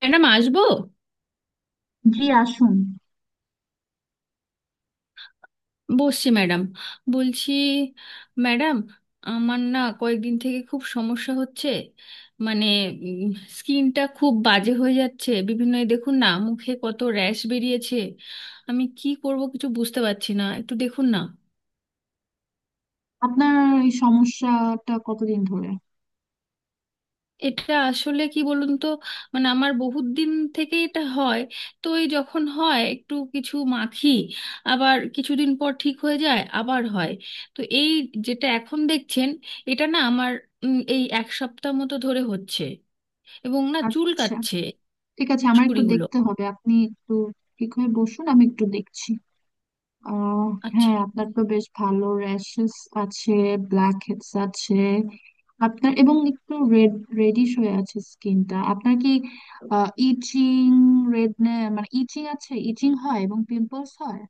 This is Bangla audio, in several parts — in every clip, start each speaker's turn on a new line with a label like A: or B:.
A: ম্যাডাম আসবো।
B: জি, আসুন।
A: বসছি ম্যাডাম। বলছি ম্যাডাম, আমার না কয়েকদিন থেকে খুব সমস্যা হচ্ছে। মানে স্কিনটা খুব বাজে হয়ে যাচ্ছে বিভিন্ন, এই দেখুন না মুখে কত র্যাশ বেরিয়েছে। আমি কি করব কিছু বুঝতে পারছি না, একটু দেখুন না।
B: আপনার এই সমস্যাটা কতদিন ধরে?
A: এটা আসলে কি বলুন তো, মানে আমার বহুত দিন থেকে এটা হয়। তো এই যখন হয় একটু কিছু মাখি, আবার কিছুদিন পর ঠিক হয়ে যায়, আবার হয়। তো এই যেটা এখন দেখছেন, এটা না আমার এই এক সপ্তাহ মতো ধরে হচ্ছে এবং না চুল
B: আচ্ছা,
A: কাচ্ছে
B: ঠিক আছে, আমার একটু
A: সুড়িগুলো।
B: দেখতে হবে। আপনি একটু ঠিক হয়ে বসুন, আমি একটু দেখছি। আহ
A: আচ্ছা।
B: হ্যাঁ, আপনার তো বেশ ভালো র্যাশেস আছে, ব্ল্যাক হেডস আছে আপনার, এবং একটু রেডিশ হয়ে আছে স্কিনটা। আপনার কি ইচিং রেড মানে ইচিং আছে? ইচিং হয় এবং পিম্পলস হয়?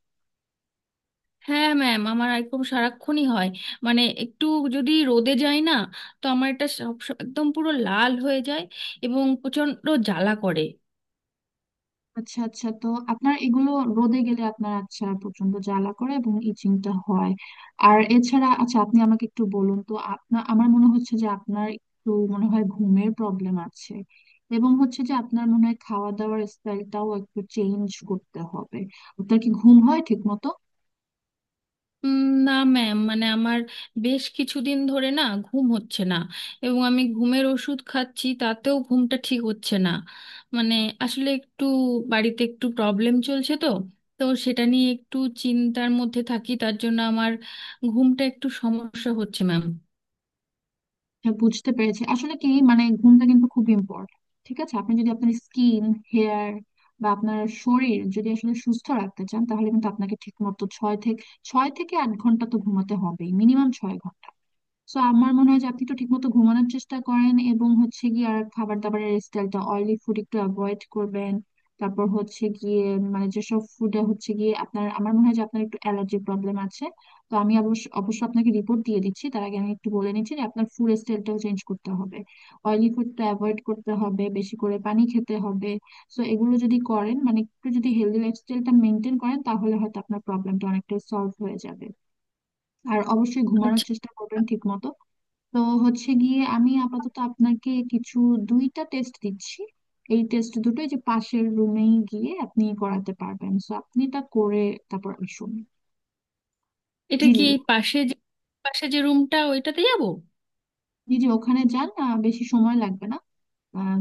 A: হ্যাঁ ম্যাম, আমার একদম সারাক্ষণই হয়। মানে একটু যদি রোদে যায় না, তো আমার এটা সব একদম পুরো লাল হয়ে যায় এবং প্রচণ্ড জ্বালা করে।
B: আচ্ছা, আচ্ছা, তো আপনার এগুলো রোদে গেলে আপনার, আচ্ছা, প্রচন্ড জ্বালা করে এবং ইচিংটা হয়। আর এছাড়া, আচ্ছা, আপনি আমাকে একটু বলুন তো, আপনার, আমার মনে হচ্ছে যে আপনার একটু মনে হয় ঘুমের প্রবলেম আছে, এবং হচ্ছে যে আপনার মনে হয় খাওয়া দাওয়ার স্টাইলটাও একটু চেঞ্জ করতে হবে। আপনার কি ঘুম হয় ঠিক মতো?
A: উম, না ম্যাম, মানে আমার বেশ কিছুদিন ধরে না ঘুম হচ্ছে না, এবং আমি ঘুমের ওষুধ খাচ্ছি তাতেও ঘুমটা ঠিক হচ্ছে না। মানে আসলে একটু বাড়িতে একটু প্রবলেম চলছে তো, তো সেটা নিয়ে একটু চিন্তার মধ্যে থাকি, তার জন্য আমার ঘুমটা একটু সমস্যা হচ্ছে ম্যাম।
B: হ্যাঁ, বুঝতে পেরেছি। আসলে কি, মানে, ঘুমটা কিন্তু খুব ইম্পর্টেন্ট। ঠিক আছে, আপনি যদি আপনার স্কিন, হেয়ার বা আপনার শরীর যদি আসলে সুস্থ রাখতে চান, তাহলে কিন্তু আপনাকে ঠিক মতো ছয় থেকে আট ঘন্টা তো ঘুমাতে হবেই, মিনিমাম 6 ঘন্টা। সো আমার মনে হয় যে আপনি একটু ঠিকমতো ঘুমানোর চেষ্টা করেন, এবং হচ্ছে গিয়ে আর খাবার দাবারের স্টাইলটা, অয়েলি ফুড একটু অ্যাভয়েড করবেন। তারপর হচ্ছে গিয়ে, মানে, যেসব ফুডে হচ্ছে গিয়ে আপনার, আমার মনে হয় যে আপনার একটু অ্যালার্জি প্রবলেম আছে। তো আমি, অবশ্য অবশ্য আপনাকে রিপোর্ট দিয়ে দিচ্ছি, তার আগে আমি একটু বলে নিচ্ছি যে আপনার ফুড স্টাইলটাও চেঞ্জ করতে হবে, অয়েলি ফুডটা অ্যাভয়েড করতে হবে, বেশি করে পানি খেতে হবে। সো এগুলো যদি করেন, মানে একটু যদি হেলদি লাইফস্টাইলটা মেনটেন করেন, তাহলে হয়তো আপনার প্রবলেমটা অনেকটা সলভ হয়ে যাবে। আর অবশ্যই ঘুমানোর
A: আচ্ছা।
B: চেষ্টা করবেন ঠিকমতো। তো, হচ্ছে গিয়ে আমি আপাতত আপনাকে কিছু, 2টা টেস্ট দিচ্ছি। এই টেস্ট দুটোই যে পাশের রুমেই গিয়ে আপনি করাতে পারবেন, সো আপনি তা করে তারপর আসুন।
A: এটা
B: জি
A: কি
B: জি
A: এই পাশে যে পাশে যে রুমটা ওইটাতে যাব?
B: জি, ওখানে যান। বেশি সময় লাগবে না। আহ,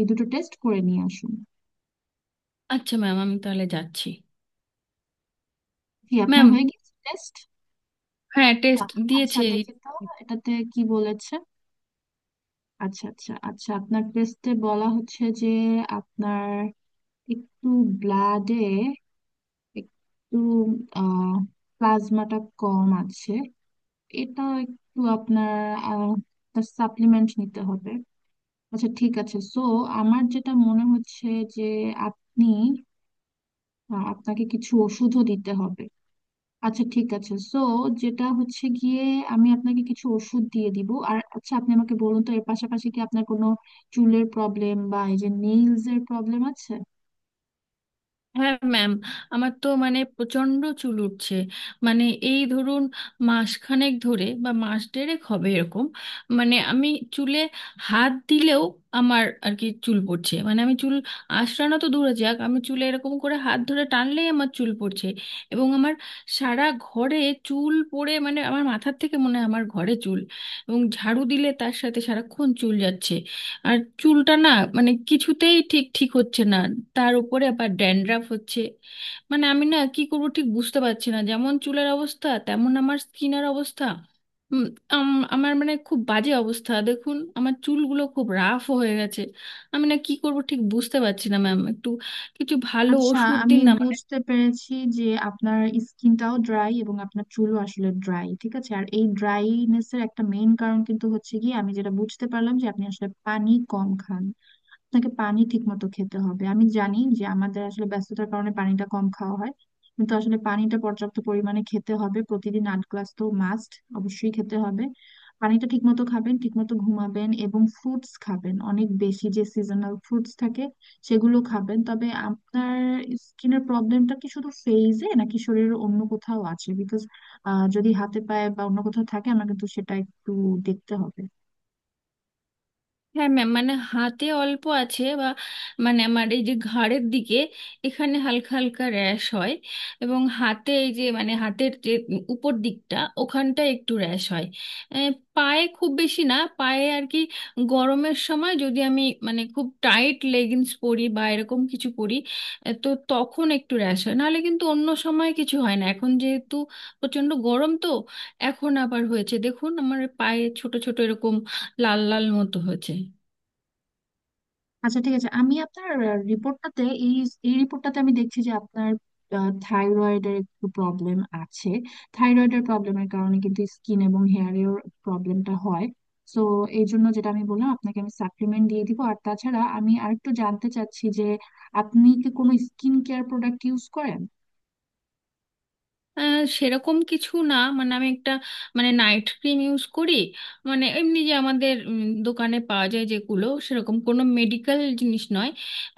B: এই 2টো টেস্ট করে নিয়ে আসুন।
A: আচ্ছা ম্যাম, আমি তাহলে যাচ্ছি।
B: জি, আপনার
A: ম্যাম,
B: হয়ে গেছে টেস্ট?
A: হ্যাঁ টেস্ট
B: আচ্ছা,
A: দিয়েছে।
B: দেখি তো, এটাতে কি বলেছে। আচ্ছা, আচ্ছা, আচ্ছা, আপনার টেস্টে বলা হচ্ছে যে আপনার একটু ব্লাডে একটু, আহ প্লাজমাটা কম আছে। এটা একটু আপনার, আহ সাপ্লিমেন্ট নিতে হবে। আচ্ছা, ঠিক আছে। সো আমার যেটা মনে হচ্ছে যে আপনি, আপনাকে কিছু ওষুধও দিতে হবে। আচ্ছা, ঠিক আছে। সো যেটা হচ্ছে গিয়ে, আমি আপনাকে কিছু ওষুধ দিয়ে দিব। আর, আচ্ছা, আপনি আমাকে বলুন তো, এর পাশাপাশি কি আপনার কোনো চুলের প্রবলেম বা এই যে নেইলস এর প্রবলেম আছে?
A: হ্যাঁ ম্যাম, আমার তো মানে প্রচণ্ড চুল উঠছে। মানে এই ধরুন মাসখানেক ধরে বা মাস দেড়েক হবে এরকম। মানে আমি চুলে হাত দিলেও আমার আর কি চুল পড়ছে, মানে আমি চুল আঁচড়ানো তো দূরে যাক, আমি চুলে এরকম করে হাত ধরে টানলেই আমার চুল পড়ছে। এবং আমার সারা ঘরে চুল পড়ে, মানে আমার মাথার থেকে মনে হয় আমার ঘরে চুল, এবং ঝাড়ু দিলে তার সাথে সারাক্ষণ চুল যাচ্ছে। আর চুলটা না মানে কিছুতেই ঠিক ঠিক হচ্ছে না। তার উপরে আবার ড্যান্ড্রাফ হচ্ছে। মানে আমি না কি করবো ঠিক বুঝতে পারছি না, যেমন চুলের অবস্থা তেমন আমার স্কিনের অবস্থা। উম, আমার মানে খুব বাজে অবস্থা, দেখুন আমার চুলগুলো খুব রাফ হয়ে গেছে। আমি না কি করবো ঠিক বুঝতে পারছি না ম্যাম, একটু কিছু ভালো
B: আচ্ছা,
A: ওষুধ
B: আমি
A: দিন না।
B: বুঝতে পেরেছি যে আপনার স্কিনটাও ড্রাই এবং আপনার চুলও আসলে ড্রাই। ঠিক আছে, আর এই ড্রাইনেস এর একটা মেইন কারণ কিন্তু হচ্ছে, কি আমি যেটা বুঝতে পারলাম, যে আপনি আসলে পানি কম খান। আপনাকে পানি ঠিক মতো খেতে হবে। আমি জানি যে আমাদের আসলে ব্যস্ততার কারণে পানিটা কম খাওয়া হয়, কিন্তু আসলে পানিটা পর্যাপ্ত পরিমাণে খেতে হবে। প্রতিদিন 8 গ্লাস তো মাস্ট, অবশ্যই খেতে হবে। পানিটা ঠিক মতো খাবেন, ঠিক মতো ঘুমাবেন, এবং ফ্রুটস খাবেন অনেক বেশি, যে সিজনাল ফ্রুটস থাকে সেগুলো খাবেন। তবে আপনার স্কিনের প্রবলেমটা কি শুধু ফেইজে নাকি শরীরের অন্য কোথাও আছে? বিকজ যদি হাতে পায়ে বা অন্য কোথাও থাকে, আমার কিন্তু সেটা একটু দেখতে হবে।
A: হ্যাঁ ম্যাম, মানে হাতে অল্প আছে, বা মানে আমার এই যে ঘাড়ের দিকে এখানে হালকা হালকা র্যাশ হয়, এবং হাতে এই যে মানে হাতের যে উপর দিকটা ওখানটা একটু র্যাশ হয়। আহ, পায়ে খুব বেশি না, পায়ে আর কি গরমের সময় যদি আমি মানে খুব টাইট লেগিংস পরি বা এরকম কিছু পরি, তো তখন একটু র্যাশ হয়, নাহলে কিন্তু অন্য সময় কিছু হয় না। এখন যেহেতু প্রচণ্ড গরম তো এখন আবার হয়েছে, দেখুন আমার পায়ে ছোট ছোট এরকম লাল লাল মতো হয়েছে।
B: আচ্ছা, ঠিক আছে। আমি আপনার রিপোর্টটাতে, এই এই রিপোর্টটাতে আমি দেখছি যে আপনার থাইরয়েডের একটু প্রবলেম আছে। থাইরয়েডের প্রবলেমের কারণে কিন্তু স্কিন এবং হেয়ারের প্রবলেমটা হয়। তো এই জন্য, যেটা আমি বললাম, আপনাকে আমি সাপ্লিমেন্ট দিয়ে দিব। আর তাছাড়া আমি আরেকটু জানতে চাচ্ছি যে আপনি কি কোনো স্কিন কেয়ার প্রোডাক্ট ইউজ করেন?
A: সেরকম কিছু না, মানে আমি একটা মানে নাইট ক্রিম ইউজ করি, মানে এমনি যে আমাদের দোকানে পাওয়া যায় যেগুলো, সেরকম কোনো মেডিকেল জিনিস নয়।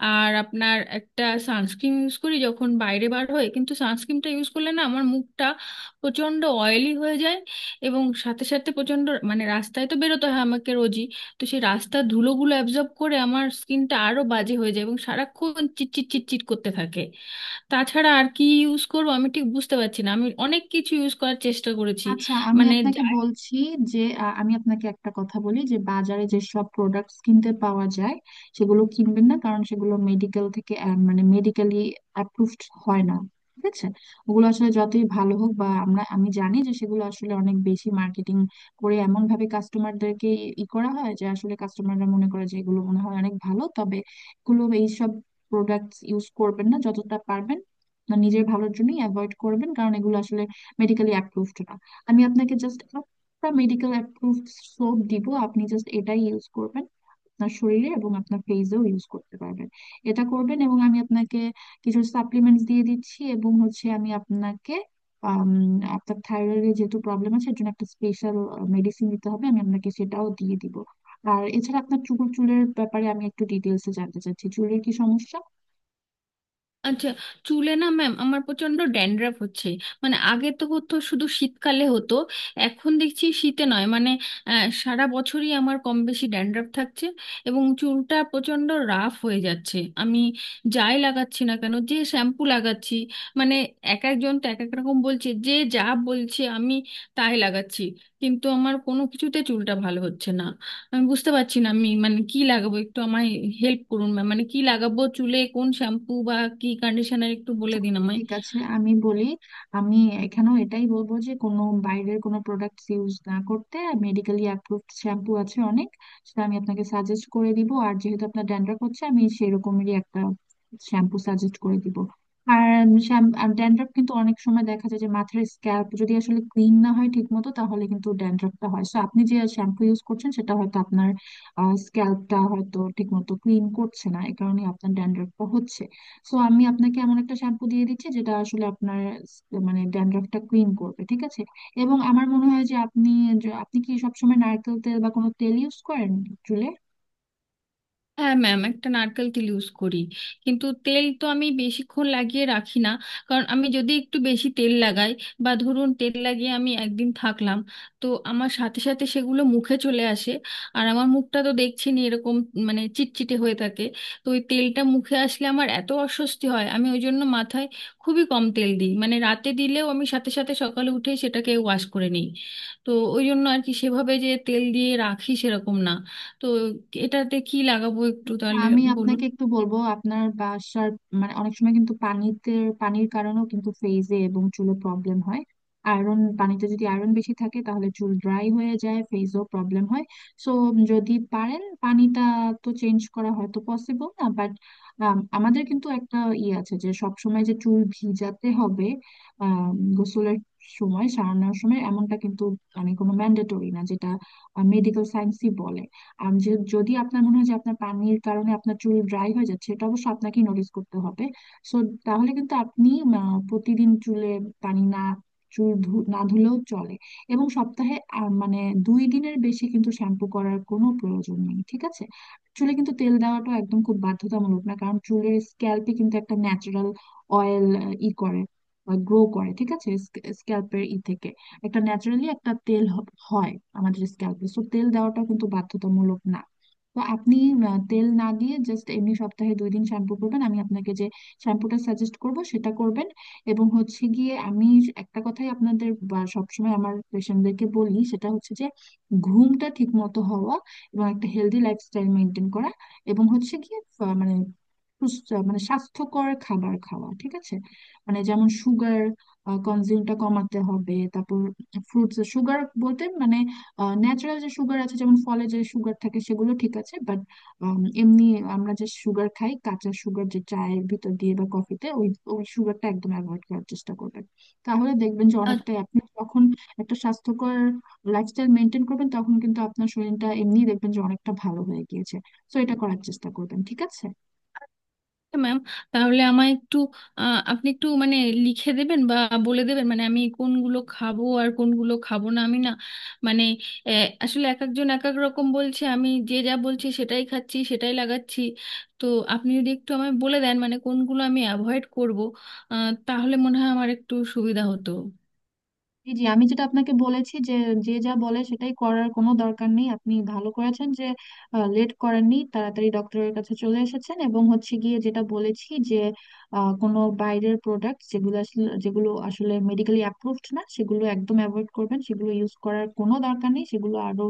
A: আর আপনার একটা সানস্ক্রিন ইউজ করি যখন বাইরে বার হই, কিন্তু সানস্ক্রিনটা ইউজ করলে না আমার মুখটা প্রচণ্ড অয়েলি হয়ে যায়, এবং সাথে সাথে প্রচণ্ড মানে রাস্তায় তো বেরোতে হয় আমাকে রোজই, তো সেই রাস্তার ধুলোগুলো অ্যাবজর্ব করে আমার স্কিনটা আরও বাজে হয়ে যায় এবং সারাক্ষণ চিটচিট চিটচিট করতে থাকে। তাছাড়া আর কি ইউজ করবো আমি ঠিক বুঝতে পারছি না, আমি অনেক কিছু ইউজ করার চেষ্টা করেছি।
B: আচ্ছা, আমি
A: মানে
B: আপনাকে
A: যাই-
B: বলছি যে আমি আপনাকে একটা কথা বলি, যে বাজারে যেসব প্রোডাক্টস কিনতে পাওয়া যায় সেগুলো কিনবেন না, কারণ সেগুলো মেডিকেল থেকে মানে মেডিকেলি অ্যাপ্রুভড হয় না। ঠিক আছে, ওগুলো আসলে যতই ভালো হোক, বা আমরা, আমি জানি যে সেগুলো আসলে অনেক বেশি মার্কেটিং করে, এমন ভাবে কাস্টমারদেরকে ই করা হয় যে আসলে কাস্টমাররা মনে করে যে এগুলো মনে হয় অনেক ভালো। তবে এগুলো, এইসব প্রোডাক্টস ইউজ করবেন না যতটা পারবেন না, নিজের ভালোর জন্যই অ্যাভয়েড করবেন, কারণ এগুলো আসলে মেডিকেলি অ্যাপ্রুভড না। আমি আপনাকে জাস্ট একটা মেডিকেল অ্যাপ্রুভড সোপ দিব, আপনি জাস্ট এটাই ইউজ করবেন। আপনার শরীরে এবং আপনার ফেসেও ইউজ করতে পারবেন। এটা করবেন, এবং আমি আপনাকে কিছু সাপ্লিমেন্টস দিয়ে দিচ্ছি। এবং হচ্ছে, আমি আপনাকে, আম, আপনার থাইরয়েডের যেহেতু প্রবলেম আছে, এর জন্য একটা স্পেশাল মেডিসিন দিতে হবে, আমি আপনাকে সেটাও দিয়ে দিব। আর এছাড়া আপনার চুলের ব্যাপারে আমি একটু ডিটেলসে জানতে চাচ্ছি, চুলের কি সমস্যা?
A: আচ্ছা। চুলে না ম্যাম, আমার প্রচন্ড ড্যান্ড্রাফ হচ্ছে। মানে আগে তো হতো শুধু শীতকালে হতো, এখন দেখছি শীতে নয় মানে সারা বছরই আমার কম বেশি ড্যান্ড্রাফ থাকছে, এবং চুলটা প্রচন্ড রাফ হয়ে যাচ্ছে। আমি যাই লাগাচ্ছি না কেন, যে শ্যাম্পু লাগাচ্ছি, মানে এক একজন তো এক এক রকম বলছে, যে যা বলছে আমি তাই লাগাচ্ছি, কিন্তু আমার কোনো কিছুতে চুলটা ভালো হচ্ছে না। আমি বুঝতে পারছি না আমি মানে কি লাগাবো, একটু আমায় হেল্প করুন ম্যাম, মানে কি লাগাবো চুলে, কোন শ্যাম্পু বা কি কন্ডিশনার একটু বলে দিন আমায়।
B: ঠিক আছে, আমি বলি। আমি এখানেও এটাই বলবো, যে কোনো বাইরের কোনো প্রোডাক্ট ইউজ না করতে। মেডিকেলি অ্যাপ্রুভড শ্যাম্পু আছে অনেক, সেটা আমি আপনাকে সাজেস্ট করে দিব। আর যেহেতু আপনার ড্যান্ড্রাফ হচ্ছে, আমি সেরকমেরই একটা শ্যাম্পু সাজেস্ট করে দিব। আর ড্যান্ড্রাফ কিন্তু অনেক সময় দেখা যায় যে মাথার স্ক্যাল্প যদি আসলে ক্লিন না হয় ঠিক মতো, তাহলে কিন্তু ড্যান্ড্রাফটা হয়। সো আপনি যে শ্যাম্পু ইউজ করছেন সেটা হয়তো আপনার স্ক্যাল্পটা হয়তো ঠিক মতো ক্লিন করছে না, এই কারণে আপনার ড্যান্ড্রাফটা হচ্ছে। সো আমি আপনাকে এমন একটা শ্যাম্পু দিয়ে দিচ্ছি যেটা আসলে আপনার স- মানে ড্যান্ড্রফটা ক্লিন করবে। ঠিক আছে, এবং আমার মনে হয় যে আপনি, আপনি কি সবসময় নারকেল তেল বা কোনো তেল ইউজ করেন চুলে?
A: হ্যাঁ ম্যাম, একটা নারকেল তেল ইউজ করি, কিন্তু তেল তো আমি বেশিক্ষণ লাগিয়ে রাখি না। কারণ আমি যদি একটু বেশি তেল লাগাই, বা ধরুন তেল লাগিয়ে আমি একদিন থাকলাম, তো আমার সাথে সাথে সেগুলো মুখে চলে আসে। আর আমার মুখটা তো দেখছেনই এরকম মানে চিটচিটে হয়ে থাকে, তো ওই তেলটা মুখে আসলে আমার এত অস্বস্তি হয়, আমি ওই জন্য মাথায় খুবই কম তেল দিই, মানে রাতে দিলেও আমি সাথে সাথে সকালে উঠেই সেটাকে ওয়াশ করে নিই। তো ওই জন্য আর কি সেভাবে যে তেল দিয়ে রাখি সেরকম না। তো এটাতে কি লাগাবো একটু তাহলে
B: আমি
A: বলুন।
B: আপনাকে একটু বলবো, আপনার বাসার, মানে অনেক সময় কিন্তু পানিতে, পানির কারণেও কিন্তু ফেজে এবং চুলে প্রবলেম হয়। আয়রন পানিতে যদি আয়রন বেশি থাকে, তাহলে চুল ড্রাই হয়ে যায়, ফেজও প্রবলেম হয়। সো যদি পারেন, পানিটা তো চেঞ্জ করা হয়তো পসিবল না, বাট আমাদের কিন্তু একটা ইয়ে আছে যে সব সময় যে চুল ভিজাতে হবে, আহ গোসলের সময়, সারানোর সময়, এমনটা কিন্তু, মানে কোনো ম্যান্ডেটরি না, যেটা মেডিকেল সায়েন্সই বলে। আর যে, যদি আপনার মনে হয় যে আপনার পানির কারণে আপনার চুল ড্রাই হয়ে যাচ্ছে, এটা অবশ্য আপনাকেই নোটিস করতে হবে। সো তাহলে কিন্তু আপনি, প্রতিদিন চুলে পানি না, না ধুলেও চলে। এবং সপ্তাহে মানে 2 দিনের বেশি কিন্তু শ্যাম্পু করার কোনো প্রয়োজন নেই। ঠিক আছে, চুলে কিন্তু তেল দেওয়াটা একদম খুব বাধ্যতামূলক না, কারণ চুলের স্ক্যাল্পে কিন্তু একটা ন্যাচারাল অয়েল ই করে গ্রো করে। ঠিক আছে, স্ক্যাল্পের ই থেকে একটা ন্যাচারালি একটা তেল হয় আমাদের স্ক্যাল্পে, সো তেল দেওয়াটা কিন্তু বাধ্যতামূলক না। তো আপনি, তেল না দিয়ে জাস্ট এমনি সপ্তাহে 2 দিন শ্যাম্পু করবেন, আমি আপনাকে যে শ্যাম্পুটা সাজেস্ট করব সেটা করবেন। এবং হচ্ছে গিয়ে আমি একটা কথাই আপনাদের, বা সবসময় আমার পেশেন্টদেরকে বলি, সেটা হচ্ছে যে ঘুমটা ঠিক মতো হওয়া এবং একটা হেলদি লাইফস্টাইল মেনটেন করা, এবং হচ্ছে গিয়ে মানে সুস্থ, মানে স্বাস্থ্যকর খাবার খাওয়া। ঠিক আছে, মানে যেমন সুগার কনজিউমটা কমাতে হবে। তারপর ফ্রুটস সুগার বলতে মানে ন্যাচারাল যে সুগার আছে, যেমন ফলে যে সুগার থাকে, সেগুলো ঠিক আছে, বাট এমনি আমরা যে সুগার খাই, কাঁচা সুগার, যে চায়ের ভিতর দিয়ে বা কফিতে, ওই ওই সুগারটা একদম অ্যাভয়েড করার চেষ্টা করবেন। তাহলে দেখবেন যে
A: আচ্ছা
B: অনেকটাই, আপনি যখন একটা স্বাস্থ্যকর লাইফস্টাইল মেনটেন করবেন, তখন কিন্তু আপনার শরীরটা এমনি দেখবেন যে অনেকটা ভালো হয়ে গিয়েছে। সো এটা করার চেষ্টা করবেন, ঠিক আছে?
A: ম্যাম, তাহলে আমায় একটু আপনি একটু মানে লিখে দেবেন বা বলে দেবেন, মানে আমি কোনগুলো খাবো আর কোনগুলো খাবো না। আমি না মানে আসলে এক একজন এক এক রকম বলছে, আমি যে যা বলছি সেটাই খাচ্ছি সেটাই লাগাচ্ছি। তো আপনি যদি একটু আমায় বলে দেন মানে কোনগুলো আমি অ্যাভয়েড করবো, তাহলে মনে হয় আমার একটু সুবিধা হতো।
B: জি জি, আমি যেটা আপনাকে বলেছি যে, যে যা বলে সেটাই করার কোনো দরকার নেই। আপনি ভালো করেছেন যে লেট করেননি, তাড়াতাড়ি ডক্টরের কাছে চলে এসেছেন। এবং হচ্ছে গিয়ে, যেটা বলেছি যে, কোনো বাইরের প্রোডাক্ট যেগুলো আসলে মেডিকেলি অ্যাপ্রুভড না, সেগুলো একদম অ্যাভয়েড করবেন, সেগুলো ইউজ করার কোনো দরকার নেই, সেগুলো আরো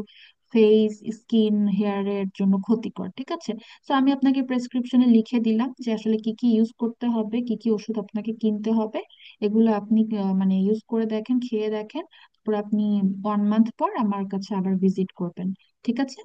B: ফেস, স্কিন, হেয়ারের জন্য ক্ষতিকর। ঠিক আছে, তো আমি আপনাকে প্রেসক্রিপশনে লিখে দিলাম যে আসলে কি কি ইউজ করতে হবে, কি কি ওষুধ আপনাকে কিনতে হবে। এগুলো আপনি মানে ইউজ করে দেখেন, খেয়ে দেখেন, তারপর আপনি 1 মান্থ পর আমার কাছে আবার ভিজিট করবেন। ঠিক আছে?